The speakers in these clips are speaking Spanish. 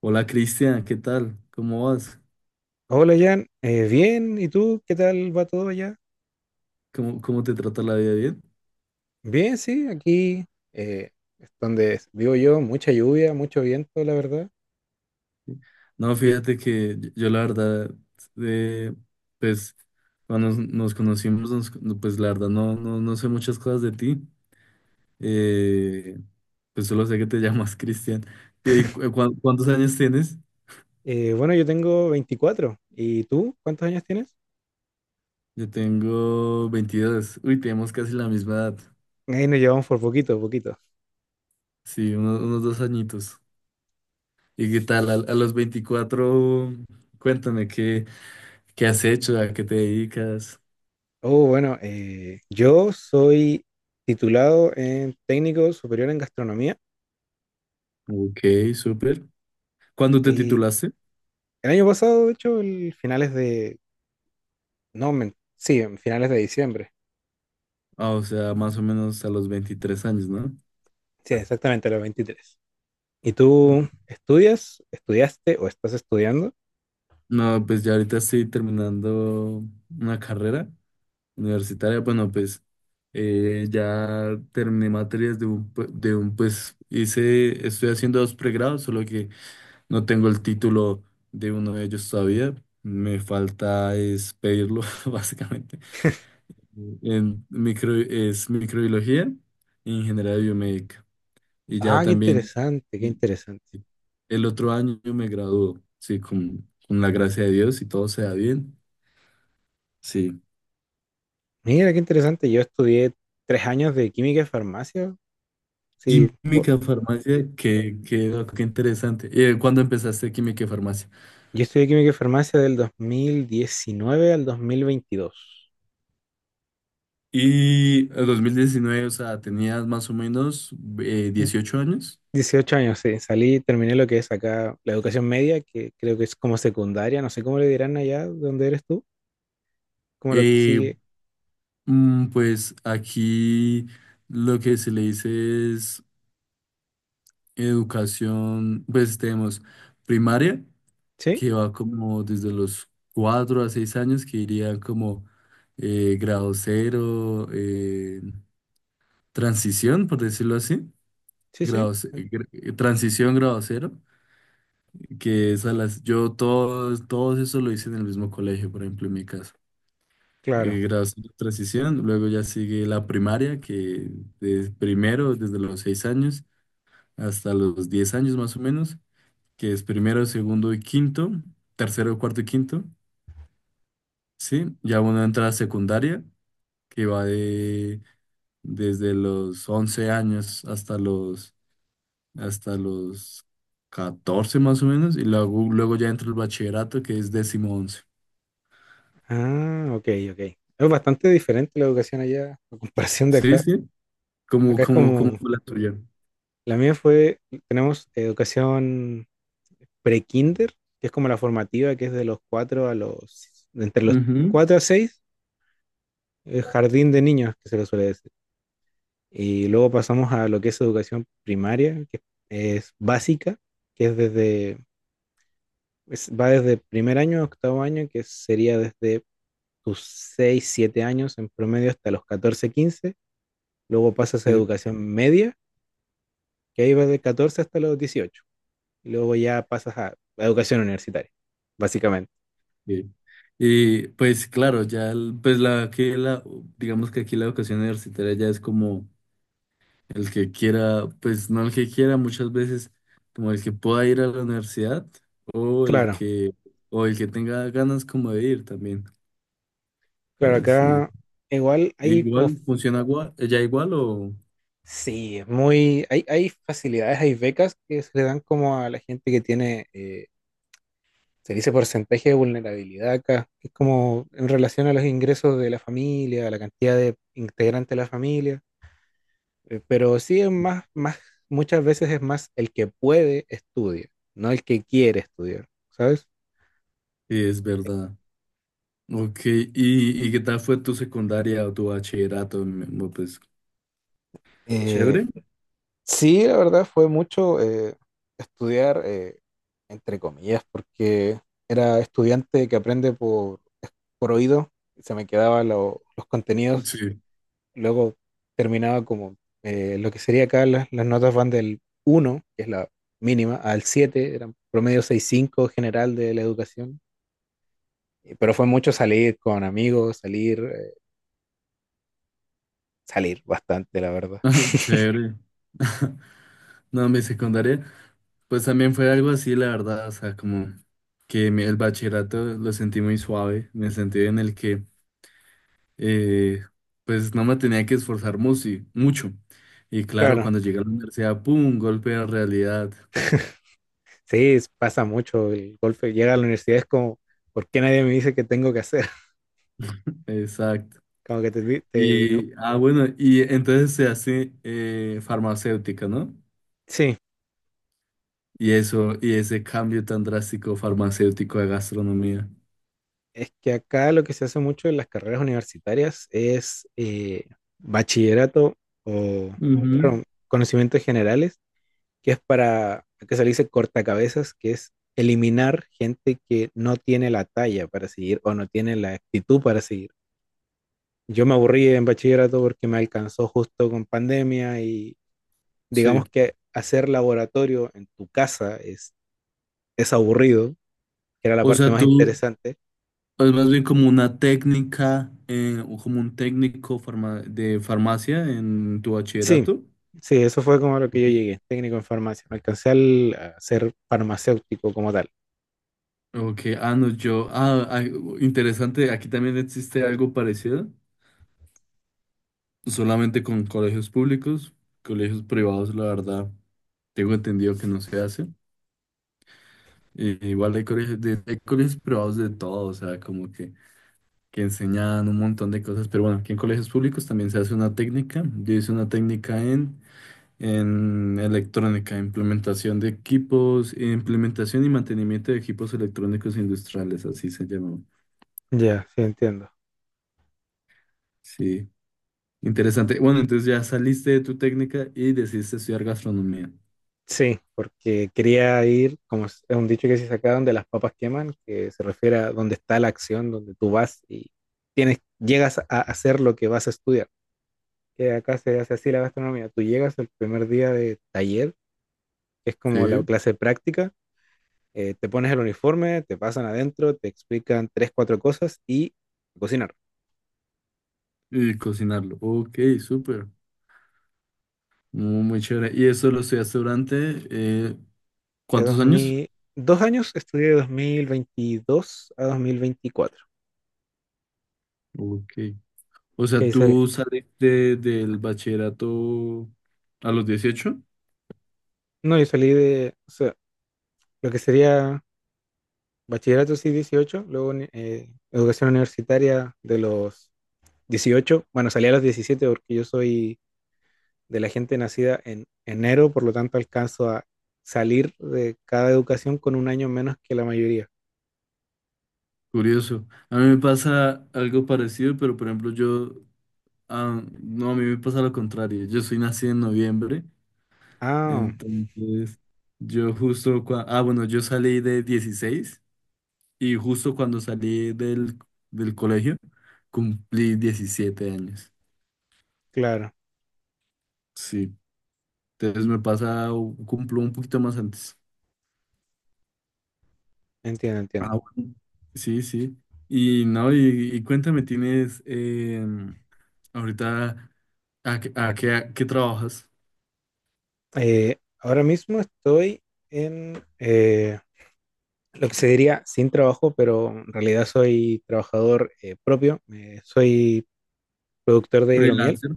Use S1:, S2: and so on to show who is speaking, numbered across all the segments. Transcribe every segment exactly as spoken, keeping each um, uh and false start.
S1: Hola Cristian, ¿qué tal? ¿Cómo vas?
S2: Hola Jan. Eh, bien, ¿y tú? ¿Qué tal va todo allá?
S1: ¿Cómo, cómo te trata la vida, bien?
S2: Bien, sí, aquí eh, es donde vivo yo, mucha lluvia, mucho viento, la verdad.
S1: No, fíjate que yo, yo la verdad, eh, pues cuando nos, nos conocimos, nos- no, pues la verdad no, no, no sé muchas cosas de ti. Eh, pues solo sé que te llamas Cristian. Eh, cu- cu- ¿Cuántos años tienes?
S2: Eh, bueno, yo tengo veinticuatro. ¿Y tú? ¿Cuántos años tienes?
S1: Yo tengo veintidós. Uy, tenemos casi la misma edad.
S2: Ahí nos llevamos por poquito, poquito.
S1: Sí, unos, unos dos añitos. ¿Y qué tal? A, a los veinticuatro, cuéntame, ¿qué, qué has hecho? ¿A qué te dedicas?
S2: Oh, bueno, eh, yo soy titulado en técnico superior en gastronomía
S1: Ok, súper. ¿Cuándo te
S2: y
S1: titulaste?
S2: el año pasado, de hecho, el finales de, no, men- sí, en finales de diciembre.
S1: Ah, o sea, más o menos a los veintitrés años, ¿no?
S2: Sí, exactamente, a los veintitrés. ¿Y tú estudias, estudiaste o estás estudiando?
S1: No, pues ya ahorita estoy terminando una carrera universitaria. Bueno, pues eh, ya terminé materias de un, pu- de un, pues hice, estoy haciendo dos pregrados, solo que no tengo el título de uno de ellos todavía. Me falta es pedirlo, básicamente. En micro, es microbiología e ingeniería biomédica. Y ya
S2: Ah, qué
S1: también
S2: interesante, qué interesante.
S1: el otro año me graduó, sí, con, con la gracia de Dios y todo se da bien, sí.
S2: Mira, qué interesante. Yo estudié tres años de química y farmacia. Sí. Po-
S1: Química, farmacia, qué, qué, no, qué interesante. Eh, ¿cuándo empezaste química y farmacia?
S2: yo estudié química y farmacia del dos mil diecinueve al dos mil veintidós.
S1: Y el dos mil diecinueve, o sea, tenías más o menos eh, dieciocho años.
S2: Dieciocho años, sí. Salí, terminé lo que es acá la educación media, que creo que es como secundaria. No sé cómo le dirán allá donde eres tú, como lo que
S1: Eh,
S2: sigue.
S1: mm, pues aquí lo que se le dice es educación, pues tenemos primaria,
S2: Sí,
S1: que va como desde los cuatro a seis años, que iría como eh, grado cero, eh, transición, por decirlo así,
S2: sí, sí.
S1: grado, ce- gr- eh, transición, grado cero, que es a las, yo todos, todos eso lo hice en el mismo colegio, por ejemplo, en mi caso.
S2: Claro.
S1: Eh, grado cero, transición, luego ya sigue la primaria, que es primero desde los seis años hasta los diez años más o menos, que es primero, segundo y quinto, tercero, cuarto y quinto. Sí, ya uno entra a la secundaria, que va de desde los once años hasta los hasta los catorce más o menos, y luego, luego ya entra el bachillerato, que es décimo once.
S2: Ah, ok, ok. Es bastante diferente la educación allá a comparación de
S1: Sí,
S2: acá.
S1: sí, como,
S2: Acá es
S1: como, como
S2: como,
S1: fue la tuya.
S2: la mía fue, tenemos educación pre-kinder, que es como la formativa, que es de los cuatro a los, entre los
S1: Ujú,
S2: cuatro a seis, el jardín de niños, que se lo suele decir. Y luego pasamos a lo que es educación primaria, que es básica, que es desde, es- va desde primer año a octavo año, que sería desde tus seis siete años en promedio hasta los catorce quince. Luego pasas a
S1: sí,
S2: educación media, que ahí va de catorce hasta los dieciocho, y luego ya pasas a a educación universitaria, básicamente.
S1: sí. Y pues claro, ya el- pues la que la digamos que aquí la educación universitaria ya es como el que quiera, pues no, el que quiera, muchas veces como el que pueda ir a la universidad, o el
S2: Claro,
S1: que o el que tenga ganas como de ir también.
S2: claro,
S1: Eh, Sí.
S2: acá igual
S1: E
S2: hay como,
S1: igual funciona gua- ya igual o
S2: sí, es muy, hay, hay facilidades, hay becas que se le dan como a la gente que tiene, eh, se dice porcentaje de vulnerabilidad acá, que es como en relación a los ingresos de la familia, a la cantidad de integrantes de la familia. Eh, pero sí es más, más, muchas veces es más el que puede estudia, no el que quiere estudiar, ¿sabes?
S1: sí, es verdad. Ok, ¿y, y qué tal fue tu secundaria o tu bachillerato, mi amor? Pues
S2: Eh,
S1: chévere.
S2: Sí, la verdad fue mucho eh, estudiar, eh, entre comillas, porque era estudiante que aprende por, por oído, y se me quedaban lo- los contenidos.
S1: Sí,
S2: Luego terminaba como, eh, lo que sería acá, las, las notas van del uno, que es la mínima, al siete, eran promedio seis punto cinco general de la educación. Y- pero fue mucho salir con amigos, salir, eh, salir bastante, la verdad.
S1: chévere. No, mi secundaria, pues también fue algo así, la verdad, o sea, como que mi- el bachillerato lo sentí muy suave, en el sentido en el que eh, pues no me tenía que esforzar musi- mucho. Y claro,
S2: Claro.
S1: cuando llegué a la universidad, ¡pum! Golpe de realidad.
S2: Sí, es- pasa mucho el golpe. Llega a la universidad es como, ¿por qué nadie me dice qué tengo que hacer?
S1: Exacto.
S2: Como que te, di- te- no.
S1: Y, ah, bueno, y entonces se hace eh, farmacéutica, ¿no?
S2: Sí,
S1: Y eso, y ese cambio tan drástico, farmacéutico a gastronomía.
S2: es que acá lo que se hace mucho en las carreras universitarias es, eh, bachillerato o,
S1: Ujú,
S2: claro, conocimientos generales, que es para, que se le dice cortacabezas, que es eliminar gente que no tiene la talla para seguir o no tiene la actitud para seguir. Yo me aburrí en bachillerato porque me alcanzó justo con pandemia y
S1: sí.
S2: digamos que hacer laboratorio en tu casa es, es aburrido, que era la
S1: O
S2: parte
S1: sea,
S2: más
S1: tú,
S2: interesante.
S1: es más bien como una técnica, eh, o como un técnico farma- de farmacia en tu
S2: Sí,
S1: bachillerato.
S2: sí, eso fue como a lo que yo llegué, técnico en farmacia. No alcancé al- a ser farmacéutico como tal.
S1: Ok, ah, no, yo, ah, ah, interesante, aquí también existe algo parecido, solamente con colegios públicos. Colegios privados, la verdad, tengo entendido que no se hace. Y igual hay colegios, de, hay colegios privados de todo, o sea, como que, que, enseñan un montón de cosas, pero bueno, aquí en colegios públicos también se hace una técnica. Yo hice una técnica en, en electrónica, implementación de equipos, implementación y mantenimiento de equipos electrónicos industriales, así se llama.
S2: Ya, sí, entiendo.
S1: Sí. Interesante. Bueno, entonces ya saliste de tu técnica y decidiste estudiar gastronomía.
S2: Sí, porque quería ir, como es es un dicho que se saca, donde las papas queman, que se refiere a donde está la acción, donde tú vas y tienes, llegas a hacer lo que vas a estudiar. Que acá se hace así la gastronomía. Tú llegas el primer día de taller, que es como la
S1: Sí.
S2: clase práctica. Eh, te pones el uniforme, te pasan adentro, te explican tres, cuatro cosas y a cocinar.
S1: Y cocinarlo. Ok, súper. Muy, muy chévere. ¿Y eso lo estudiaste durante eh,
S2: De
S1: cuántos
S2: dos
S1: años?
S2: mil Dos años estudié, de dos mil veintidós a dos mil veinticuatro.
S1: Ok. O
S2: Que
S1: sea,
S2: ahí salí-
S1: tú saliste del bachillerato a los dieciocho.
S2: no, yo salí de, o sea, lo que sería bachillerato sí, dieciocho, luego uni- eh, educación universitaria de los dieciocho. Bueno, salí a los diecisiete porque yo soy de la gente nacida en enero, por lo tanto alcanzo a salir de cada educación con un año menos que la mayoría.
S1: Curioso. A mí me pasa algo parecido, pero por ejemplo, yo, ah, no, a mí me pasa lo contrario. Yo soy nacido en noviembre,
S2: Ah,
S1: entonces yo justo, cua- ah, bueno, yo salí de dieciséis. Y justo cuando salí del, del colegio, cumplí diecisiete años.
S2: claro,
S1: Sí, entonces me pasa, u- cumplo un poquito más antes.
S2: entiendo, entiendo.
S1: Ah, bueno. Sí, sí. Y no, y, y cuéntame, ¿tienes em, ahorita a, qué, a qué- a qué trabajas?
S2: Eh, ahora mismo estoy en, eh, lo que se diría sin trabajo, pero en realidad soy trabajador, eh, propio. Eh, soy productor de hidromiel.
S1: Freelancer.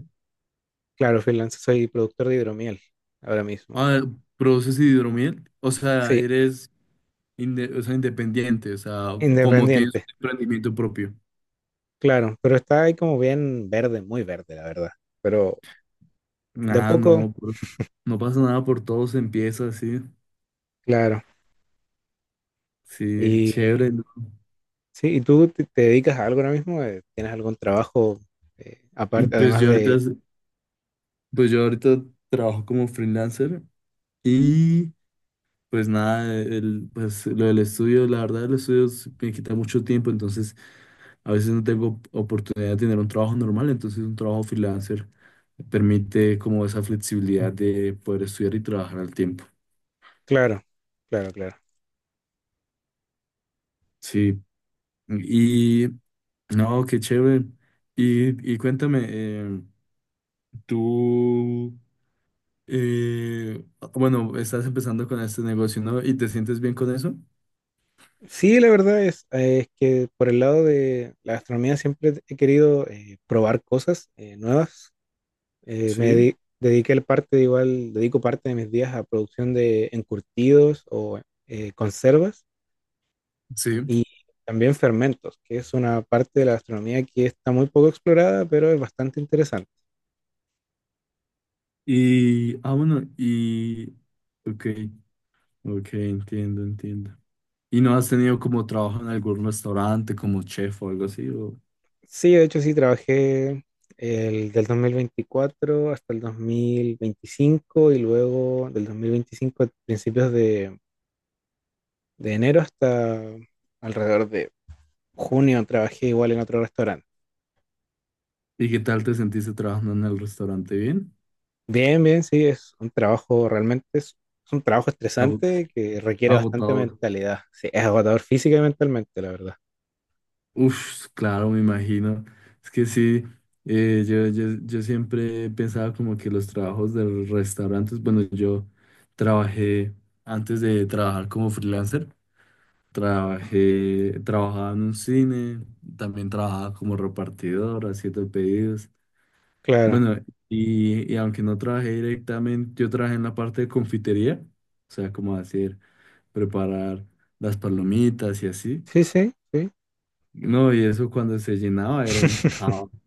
S2: Claro, freelance, soy productor de hidromiel ahora mismo.
S1: Ah, ¿produces hidromiel? O sea,
S2: Sí,
S1: eres inde- o sea, independiente, o sea, como tienes un
S2: independiente,
S1: emprendimiento propio.
S2: claro, pero está ahí como bien verde, muy verde, la verdad. Pero de a
S1: Nada,
S2: poco,
S1: no, por- no pasa nada, por todo se empieza así.
S2: claro.
S1: Sí, chévere,
S2: Y
S1: ¿no?
S2: sí, ¿y tú te, te dedicas a algo ahora mismo? Eh, ¿Tienes algún trabajo, eh, aparte,
S1: Pues
S2: además
S1: yo ahorita,
S2: de...
S1: pues yo ahorita trabajo como freelancer, y pues nada, el, pues lo del estudio, la verdad, el estudio s- me quita mucho tiempo. Entonces a veces no tengo oportunidad de tener un trabajo normal, entonces un trabajo freelancer me permite como esa flexibilidad de poder estudiar y trabajar al tiempo.
S2: Claro, claro, claro.
S1: Sí, y no, qué chévere. Y, y cuéntame, eh, tú... Eh, bueno, estás empezando con este negocio, ¿no? ¿Y te sientes bien con eso?
S2: Sí, la verdad es, eh, es que por el lado de la gastronomía siempre he querido, eh, probar cosas, eh, nuevas. Eh, me
S1: Sí,
S2: dedi- dediqué el parte, de igual, dedico parte de mis días a producción de encurtidos o, eh, conservas
S1: sí.
S2: y también fermentos, que es una parte de la gastronomía que está muy poco explorada, pero es bastante interesante.
S1: Y, ah, bueno, y, ok, ok, entiendo, entiendo. ¿Y no has tenido como trabajo en algún restaurante, como chef o algo así? O...
S2: Sí, de hecho sí, trabajé el, del dos mil veinticuatro hasta el dos mil veinticinco, y luego del dos mil veinticinco a principios de De enero hasta alrededor de junio trabajé igual en otro restaurante.
S1: ¿Y qué tal te sentiste trabajando en el restaurante? ¿Bien?
S2: Bien, bien, sí, es un trabajo realmente, es, es un trabajo
S1: Ago-
S2: estresante que requiere bastante
S1: Agotador.
S2: mentalidad. Sí, es agotador física y mentalmente, la verdad.
S1: Uf, claro, me imagino. Es que sí, eh, yo, yo, yo siempre pensaba como que los trabajos de los restaurantes, bueno, yo trabajé, antes de trabajar como freelancer, trabajé, trabajaba en un cine, también trabajaba como repartidor, haciendo pedidos.
S2: Claro.
S1: Bueno, y, y aunque no trabajé directamente, yo trabajé en la parte de confitería, o sea, como hacer, preparar las palomitas y así.
S2: Sí, sí, sí.
S1: No, y eso cuando se llenaba era un caos.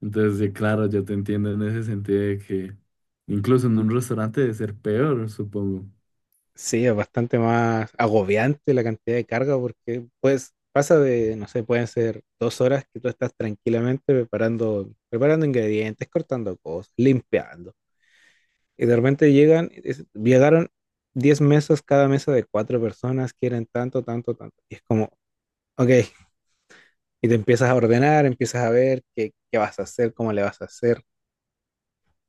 S1: Entonces, sí, claro, yo te entiendo en ese sentido de que incluso en un restaurante debe ser peor, supongo.
S2: Sí, es bastante más agobiante la cantidad de carga porque pues pasa de, no sé, pueden ser dos horas que tú estás tranquilamente preparando, preparando ingredientes, cortando cosas, limpiando. Y de repente llegan, es- llegaron diez mesas, cada mesa de cuatro personas, quieren tanto, tanto, tanto. Y es como, ok, y te empiezas a ordenar, empiezas a ver qué, qué vas a hacer, cómo le vas a hacer.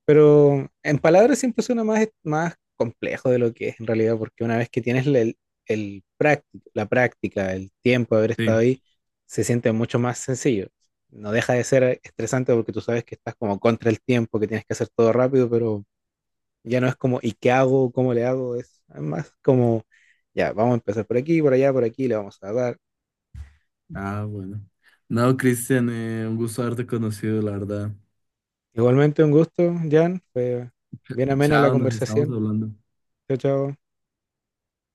S2: Pero en palabras siempre suena más, más complejo de lo que es en realidad, porque una vez que tienes el, el práctico, la práctica, el tiempo de haber estado
S1: Sí.
S2: ahí, se siente mucho más sencillo. No deja de ser estresante porque tú sabes que estás como contra el tiempo, que tienes que hacer todo rápido, pero ya no es como, ¿y qué hago? ¿Cómo le hago? Es más como, ya, vamos a empezar por aquí, por allá, por aquí, le vamos a dar.
S1: Ah, bueno. No, Cristian, eh, un gusto haberte conocido, la verdad.
S2: Igualmente un gusto, Jan. Fue bien amena la
S1: Chao, nos estamos
S2: conversación.
S1: hablando.
S2: Chao, chao.